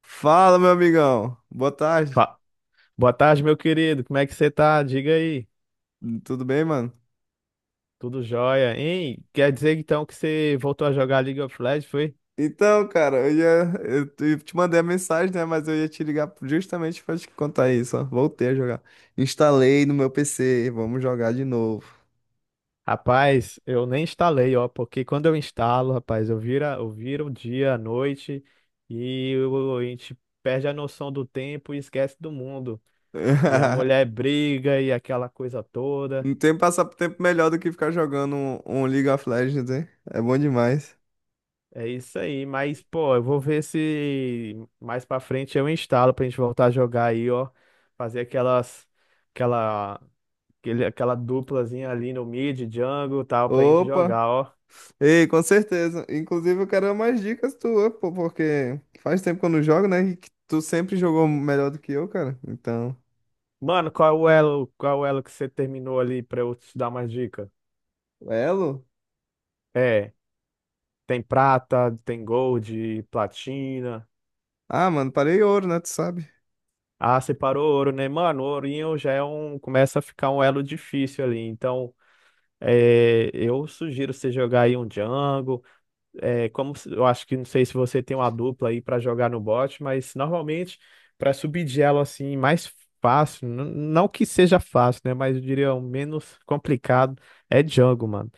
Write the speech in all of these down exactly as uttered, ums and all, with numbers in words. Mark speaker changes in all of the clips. Speaker 1: Fala, meu amigão. Boa tarde.
Speaker 2: Fa- Boa tarde, meu querido. Como é que você tá? Diga aí.
Speaker 1: Tudo bem, mano?
Speaker 2: Tudo jóia, hein? Quer dizer então que você voltou a jogar League of Legends, foi?
Speaker 1: Então, cara, eu ia, eu te eu te mandei a mensagem, né? Mas eu ia te ligar justamente pra te contar isso, ó. Voltei a jogar. Instalei no meu P C. Vamos jogar de novo.
Speaker 2: Rapaz, eu nem instalei, ó, porque quando eu instalo, rapaz, eu vira, eu viro o dia, a noite e eu- a gente perde a noção do tempo e esquece do mundo. E a mulher briga e aquela coisa toda.
Speaker 1: Não tem passar tempo melhor do que ficar jogando um, um League of Legends, hein? É bom demais.
Speaker 2: É isso aí, mas pô, eu vou ver se mais pra frente eu instalo pra gente voltar a jogar aí, ó, fazer aquelas aquela Aquele, aquela duplazinha ali no mid, jungle e tal, pra gente
Speaker 1: Opa!
Speaker 2: jogar, ó.
Speaker 1: Ei, com certeza. Inclusive, eu quero mais dicas tuas, pô, porque faz tempo que eu não jogo, né? E que tu sempre jogou melhor do que eu, cara. Então,
Speaker 2: Mano, qual é o elo, qual é o elo que você terminou ali pra eu te dar mais dica?
Speaker 1: elo?
Speaker 2: É, tem prata, tem gold, platina.
Speaker 1: Ah, mano, parei ouro, né? Tu sabe?
Speaker 2: Ah, separou ouro, né? Mano, o ourinho já é um, começa a ficar um elo difícil ali. Então, é, eu sugiro você jogar aí um jungle. É, como se- eu acho que não sei se você tem uma dupla aí para jogar no bot, mas normalmente para subir de elo assim mais fácil, n- não que seja fácil, né, mas eu diria o menos complicado é Django, mano.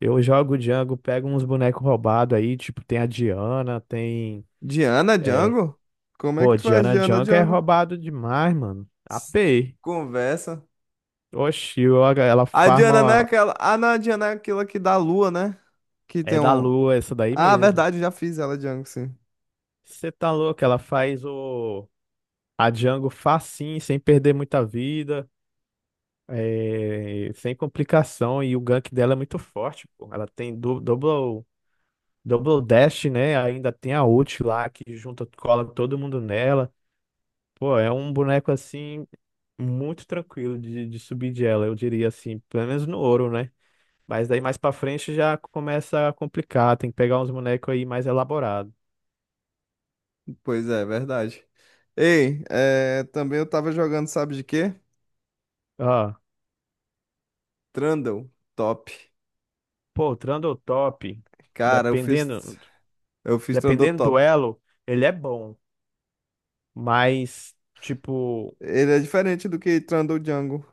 Speaker 2: Eu jogo Django, pego uns bonecos roubados aí, tipo tem a Diana, tem
Speaker 1: Diana
Speaker 2: é,
Speaker 1: Django? Como é que
Speaker 2: pô,
Speaker 1: tu faz
Speaker 2: Diana
Speaker 1: Diana
Speaker 2: Django é
Speaker 1: Django?
Speaker 2: roubado demais, mano.
Speaker 1: S-
Speaker 2: A P.
Speaker 1: Conversa.
Speaker 2: Oxi, eu- ela
Speaker 1: A Diana não é
Speaker 2: farma
Speaker 1: aquela. Ah, não, a Diana é aquela que dá lua, né? Que
Speaker 2: é
Speaker 1: tem
Speaker 2: da
Speaker 1: um.
Speaker 2: lua essa daí
Speaker 1: Ah,
Speaker 2: mesmo.
Speaker 1: verdade, já fiz ela Django, sim.
Speaker 2: Você tá louco, ela faz o A Django facinho, sem perder muita vida, é, sem complicação, e o gank dela é muito forte, pô. Ela tem du- double, double dash, né? Ainda tem a ult lá que junta, cola todo mundo nela. Pô, é um boneco assim, muito tranquilo de, de subir de ela, eu diria assim, pelo menos no ouro, né? Mas daí mais pra frente já começa a complicar, tem que pegar uns bonecos aí mais elaborados.
Speaker 1: Pois é, verdade. Ei, é, também eu tava jogando, sabe de quê?
Speaker 2: Ah,
Speaker 1: Trundle Top.
Speaker 2: pô, o Trundle top,
Speaker 1: Cara, eu fiz.
Speaker 2: dependendo,
Speaker 1: Eu fiz Trundle
Speaker 2: dependendo do
Speaker 1: Top.
Speaker 2: elo. Ele é bom, mas, tipo,
Speaker 1: Ele é diferente do que Trundle Django.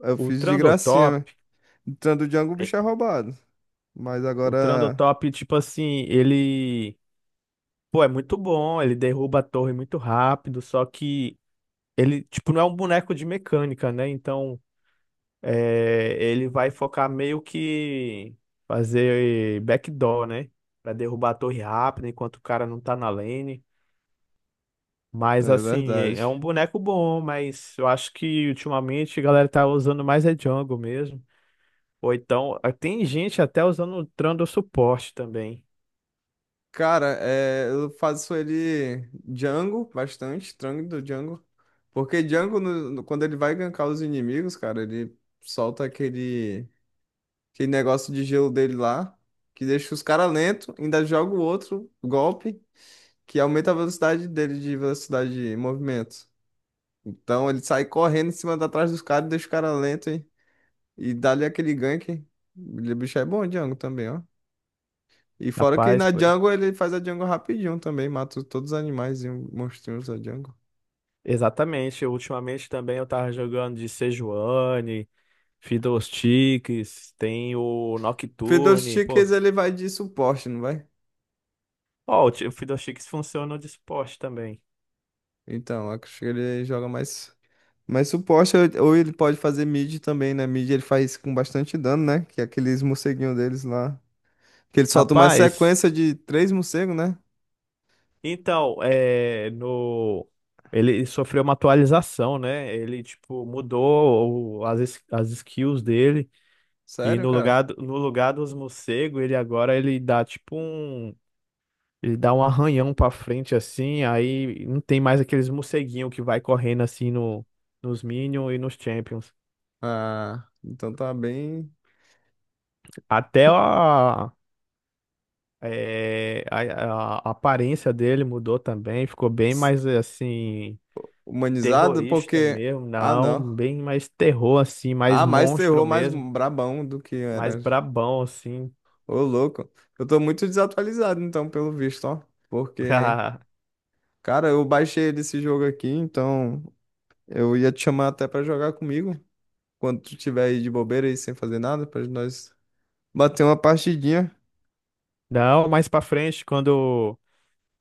Speaker 1: Eu
Speaker 2: o
Speaker 1: fiz de gracinha, né?
Speaker 2: Trandotop,
Speaker 1: Trundle Django o
Speaker 2: é,
Speaker 1: bicho é roubado. Mas
Speaker 2: o
Speaker 1: agora.
Speaker 2: Trandotop, tipo assim, ele, pô, é muito bom, ele derruba a torre muito rápido, só que ele, tipo, não é um boneco de mecânica, né? Então, é, ele vai focar meio que fazer backdoor, né? Pra derrubar a torre rápido enquanto o cara não tá na lane. Mas,
Speaker 1: É
Speaker 2: assim, é
Speaker 1: verdade.
Speaker 2: é um boneco bom, mas eu acho que ultimamente a galera tá usando mais é jungle mesmo. Ou então, ah, tem gente até usando o Trando suporte também.
Speaker 1: Cara, é, eu faço ele Django bastante, Trang do Django. Porque Django, no- no- quando ele vai gankar os inimigos, cara, ele solta aquele, aquele negócio de gelo dele lá, que deixa os caras lento, ainda joga o outro golpe, que aumenta a velocidade dele de velocidade de movimento. Então ele sai correndo em cima da trás dos caras, deixa os caras lentos, hein? E dá-lhe aquele gank. O bicho é bom, Django, também, ó. E fora que
Speaker 2: Rapaz,
Speaker 1: na
Speaker 2: pô,
Speaker 1: jungle ele faz a jungle rapidinho também, mata todos os animais e monstrinhos da jungle.
Speaker 2: exatamente. Ultimamente também eu tava jogando de Sejuani, Fiddlesticks, tem o Nocturne,
Speaker 1: Fiddlesticks
Speaker 2: pô.
Speaker 1: ele vai de suporte, não vai?
Speaker 2: Ó, o ti- o Fiddlesticks funciona de suporte também.
Speaker 1: Então, acho que ele joga mais, mais suporte, ou ou ele pode fazer mid também, né? Mid ele faz com bastante dano, né? Que é aqueles morceguinhos deles lá. Que ele solta uma
Speaker 2: Rapaz,
Speaker 1: sequência de três morcegos, né?
Speaker 2: então, é, no... Ele sofreu uma atualização, né? Ele, tipo, mudou o- as, es- as skills dele. E
Speaker 1: Sério,
Speaker 2: no
Speaker 1: cara?
Speaker 2: lugar, do- no lugar dos morcegos, ele agora ele dá, tipo, um... Ele dá um arranhão pra frente assim, aí não tem mais aqueles morceguinho que vai correndo assim no, nos Minions e nos Champions.
Speaker 1: Ah, então tá bem
Speaker 2: Até a, é, a, a a aparência dele mudou também, ficou bem
Speaker 1: s-
Speaker 2: mais assim,
Speaker 1: humanizado,
Speaker 2: terrorista
Speaker 1: porque.
Speaker 2: mesmo,
Speaker 1: Ah,
Speaker 2: não,
Speaker 1: não.
Speaker 2: bem mais terror assim, mais
Speaker 1: Ah, mais
Speaker 2: monstro
Speaker 1: terror, mais
Speaker 2: mesmo,
Speaker 1: brabão do que
Speaker 2: mais
Speaker 1: era.
Speaker 2: brabão assim.
Speaker 1: Ô, louco. Eu tô muito desatualizado, então, pelo visto, ó. Porque, cara, eu baixei desse jogo aqui, então eu ia te chamar até pra jogar comigo. Quando tu tiver aí de bobeira e sem fazer nada, pra nós bater uma partidinha.
Speaker 2: Não, mais pra frente, quando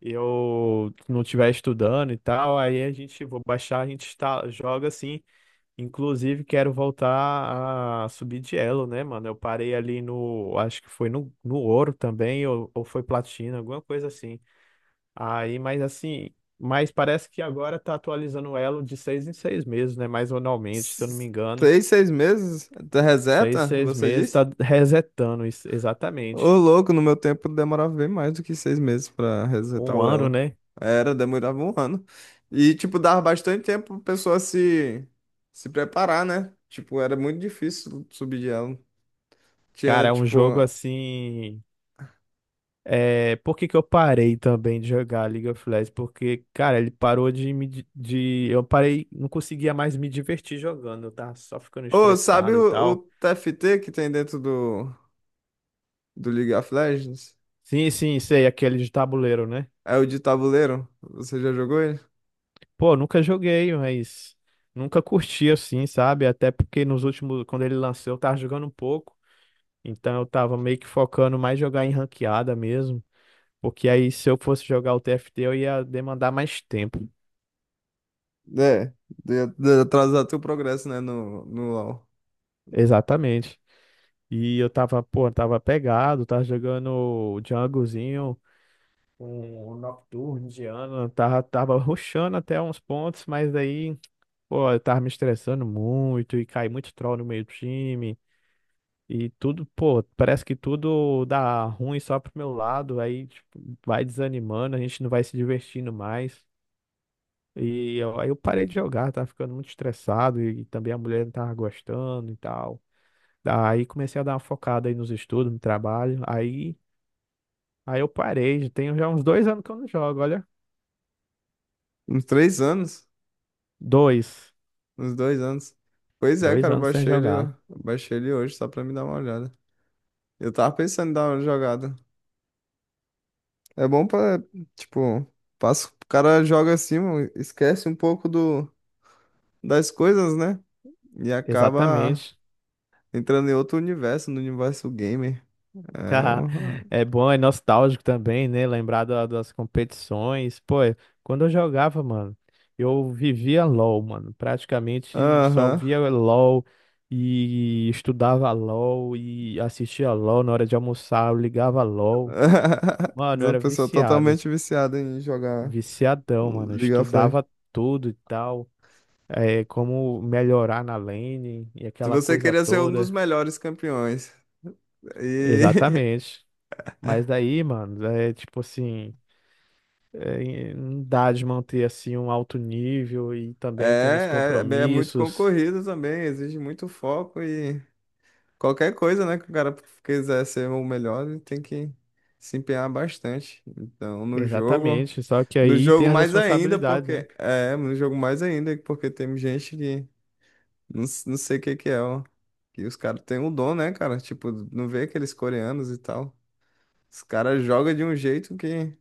Speaker 2: eu não estiver estudando e tal, aí a gente, vou baixar, a gente está, joga assim. Inclusive, quero voltar a subir de elo, né, mano? Eu parei ali no, acho que foi no, no ouro também, ou, ou foi platina, alguma coisa assim. Aí, mas assim, mas parece que agora tá atualizando o elo de seis em seis meses, né? Mais anualmente, se eu não me
Speaker 1: S-
Speaker 2: engano.
Speaker 1: Três, seis meses? Até
Speaker 2: Seis,
Speaker 1: reseta,
Speaker 2: seis
Speaker 1: você
Speaker 2: meses,
Speaker 1: disse?
Speaker 2: tá resetando isso,
Speaker 1: Ô,
Speaker 2: exatamente.
Speaker 1: louco, no meu tempo demorava bem mais do que seis meses pra resetar
Speaker 2: Um
Speaker 1: o
Speaker 2: ano,
Speaker 1: elo.
Speaker 2: né?
Speaker 1: Era, demorava um ano. E, tipo, dava bastante tempo pra pessoa se, se preparar, né? Tipo, era muito difícil subir de elo. Tinha,
Speaker 2: Cara, é um
Speaker 1: tipo.
Speaker 2: jogo assim. É, por que que eu parei também de jogar League of Legends? Porque, cara, ele parou de me. Di- De, eu parei, não conseguia mais me divertir jogando, eu tava só ficando
Speaker 1: Ô, sabe
Speaker 2: estressado e
Speaker 1: o, o
Speaker 2: tal.
Speaker 1: T F T que tem dentro do, do League of Legends?
Speaker 2: Sim, sim, sei, aquele de tabuleiro, né?
Speaker 1: É o de tabuleiro? Você já jogou ele?
Speaker 2: Pô, nunca joguei, mas nunca curti assim, sabe? Até porque nos últimos, quando ele lançou, eu tava jogando um pouco, então eu tava meio que focando mais jogar em ranqueada mesmo, porque aí se eu fosse jogar o T F T, eu ia demandar mais tempo.
Speaker 1: É, de, de atrasar teu progresso, né? No, no LoL.
Speaker 2: Exatamente. E eu tava, pô, tava pegado, tava jogando o Junglezinho, um um Nocturne indiano, tava, tava rushando até uns pontos, mas daí, pô, eu tava me estressando muito e caí muito troll no meio do time. E tudo, pô, parece que tudo dá ruim só pro meu lado, aí tipo, vai desanimando, a gente não vai se divertindo mais. E eu- aí eu parei de jogar, tava ficando muito estressado e, também a mulher não tava gostando e tal. Aí comecei a dar uma focada aí nos estudos, no trabalho. Aí Aí eu parei, tenho já uns dois anos que eu não jogo, olha.
Speaker 1: Uns três anos?
Speaker 2: Dois.
Speaker 1: Uns dois anos. Pois é,
Speaker 2: Dois
Speaker 1: cara, eu
Speaker 2: anos sem
Speaker 1: baixei ele,
Speaker 2: jogar.
Speaker 1: eu baixei ele hoje só pra me dar uma olhada. Eu tava pensando em dar uma jogada. É bom pra, tipo, passa, o cara joga assim, mano, esquece um pouco do, das coisas, né? E acaba
Speaker 2: Exatamente.
Speaker 1: entrando em outro universo, no universo gamer. É, uma-
Speaker 2: É bom, é nostálgico também, né? Lembrar da- das competições. Pô, é, quando eu jogava, mano, eu vivia LOL, mano. Praticamente só
Speaker 1: aham.
Speaker 2: via LOL e estudava LOL e assistia LOL na hora de almoçar, eu ligava LOL. Mano, eu
Speaker 1: Uma
Speaker 2: era
Speaker 1: pessoa
Speaker 2: viciado.
Speaker 1: totalmente viciada em jogar
Speaker 2: Viciadão, mano. Eu
Speaker 1: League of Legends.
Speaker 2: estudava tudo e tal. É, como melhorar na lane e
Speaker 1: Se
Speaker 2: aquela
Speaker 1: você
Speaker 2: coisa
Speaker 1: queria ser um dos
Speaker 2: toda.
Speaker 1: melhores campeões. E
Speaker 2: Exatamente. Mas daí, mano, é tipo assim, é, não dá de manter assim um alto nível e também tendo os
Speaker 1: É, é, bem- é muito
Speaker 2: compromissos.
Speaker 1: concorrido também, exige muito foco e qualquer coisa, né, que o cara quiser ser o melhor, ele tem que se empenhar bastante. Então, no jogo,
Speaker 2: Exatamente. Só que
Speaker 1: no
Speaker 2: aí tem
Speaker 1: jogo
Speaker 2: as
Speaker 1: mais ainda,
Speaker 2: responsabilidades, né?
Speaker 1: porque é, no jogo mais ainda, porque tem gente que não, s- não sei o que que é, ó, que os caras têm um dom, né, cara? Tipo, não vê aqueles coreanos e tal. Os caras jogam de um jeito que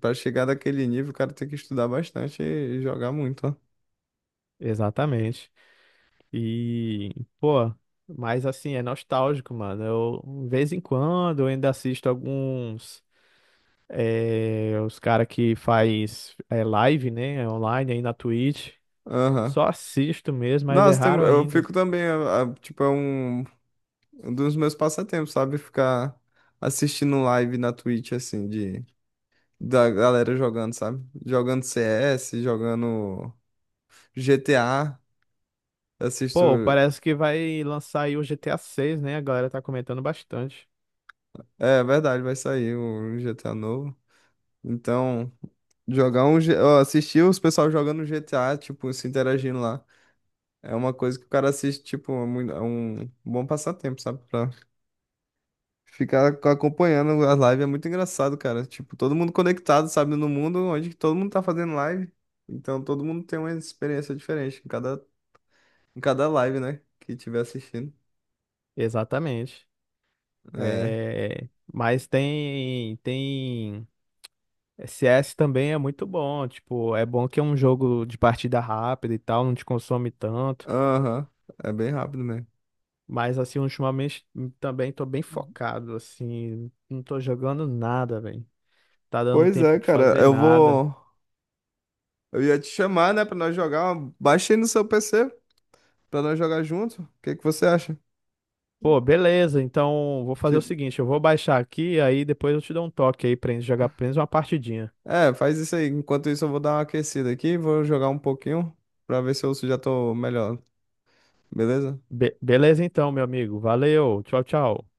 Speaker 1: para chegar daquele nível, o cara tem que estudar bastante e e jogar muito, ó.
Speaker 2: Exatamente. E, pô, mas assim, é nostálgico, mano. Eu, de vez em quando, eu ainda assisto alguns, eh, os cara que faz eh, live, né, online aí na Twitch.
Speaker 1: Aham.
Speaker 2: Só assisto mesmo, mas é
Speaker 1: Nossa, tem-
Speaker 2: raro
Speaker 1: eu
Speaker 2: ainda.
Speaker 1: fico também, a- a- tipo, é um, um dos meus passatempos, sabe? Ficar assistindo live na Twitch, assim, de, da galera jogando, sabe? Jogando C S, jogando G T A,
Speaker 2: Pô,
Speaker 1: assisto...
Speaker 2: parece que vai lançar aí o G T A seis, né? A galera tá comentando bastante.
Speaker 1: É, verdade, vai sair o G T A novo. Então, jogar um... G- ó, Assistir os pessoal jogando G T A, tipo, se interagindo lá, é uma coisa que o cara assiste, tipo, é mui- é um bom passatempo, sabe? Ficar ac- acompanhando as lives é muito engraçado, cara. Tipo, todo mundo conectado, sabe, no mundo onde todo mundo tá fazendo live. Então, todo mundo tem uma experiência diferente em cada, em cada live, né? Que tiver assistindo.
Speaker 2: Exatamente.
Speaker 1: É.
Speaker 2: É... Mas tem, tem... C S também é muito bom. Tipo, é bom que é um jogo de partida rápida e tal, não te consome tanto.
Speaker 1: Aham. É bem rápido mesmo.
Speaker 2: Mas, assim, ultimamente também tô bem focado, assim. Não tô jogando nada, velho. Tá dando
Speaker 1: Pois é,
Speaker 2: tempo de
Speaker 1: cara.
Speaker 2: fazer
Speaker 1: Eu
Speaker 2: nada.
Speaker 1: vou. Eu ia te chamar, né, pra nós jogar. Uma- Baixa aí no seu P C pra nós jogar junto. O que que você acha?
Speaker 2: Pô, beleza. Então vou fazer o
Speaker 1: Te-
Speaker 2: seguinte, eu vou baixar aqui, aí depois eu te dou um toque aí pra gente jogar pelo menos uma partidinha.
Speaker 1: É, faz isso aí. Enquanto isso, eu vou dar uma aquecida aqui. Vou jogar um pouquinho pra ver se eu já tô melhor. Beleza?
Speaker 2: Be- beleza então, meu amigo. Valeu. Tchau, tchau.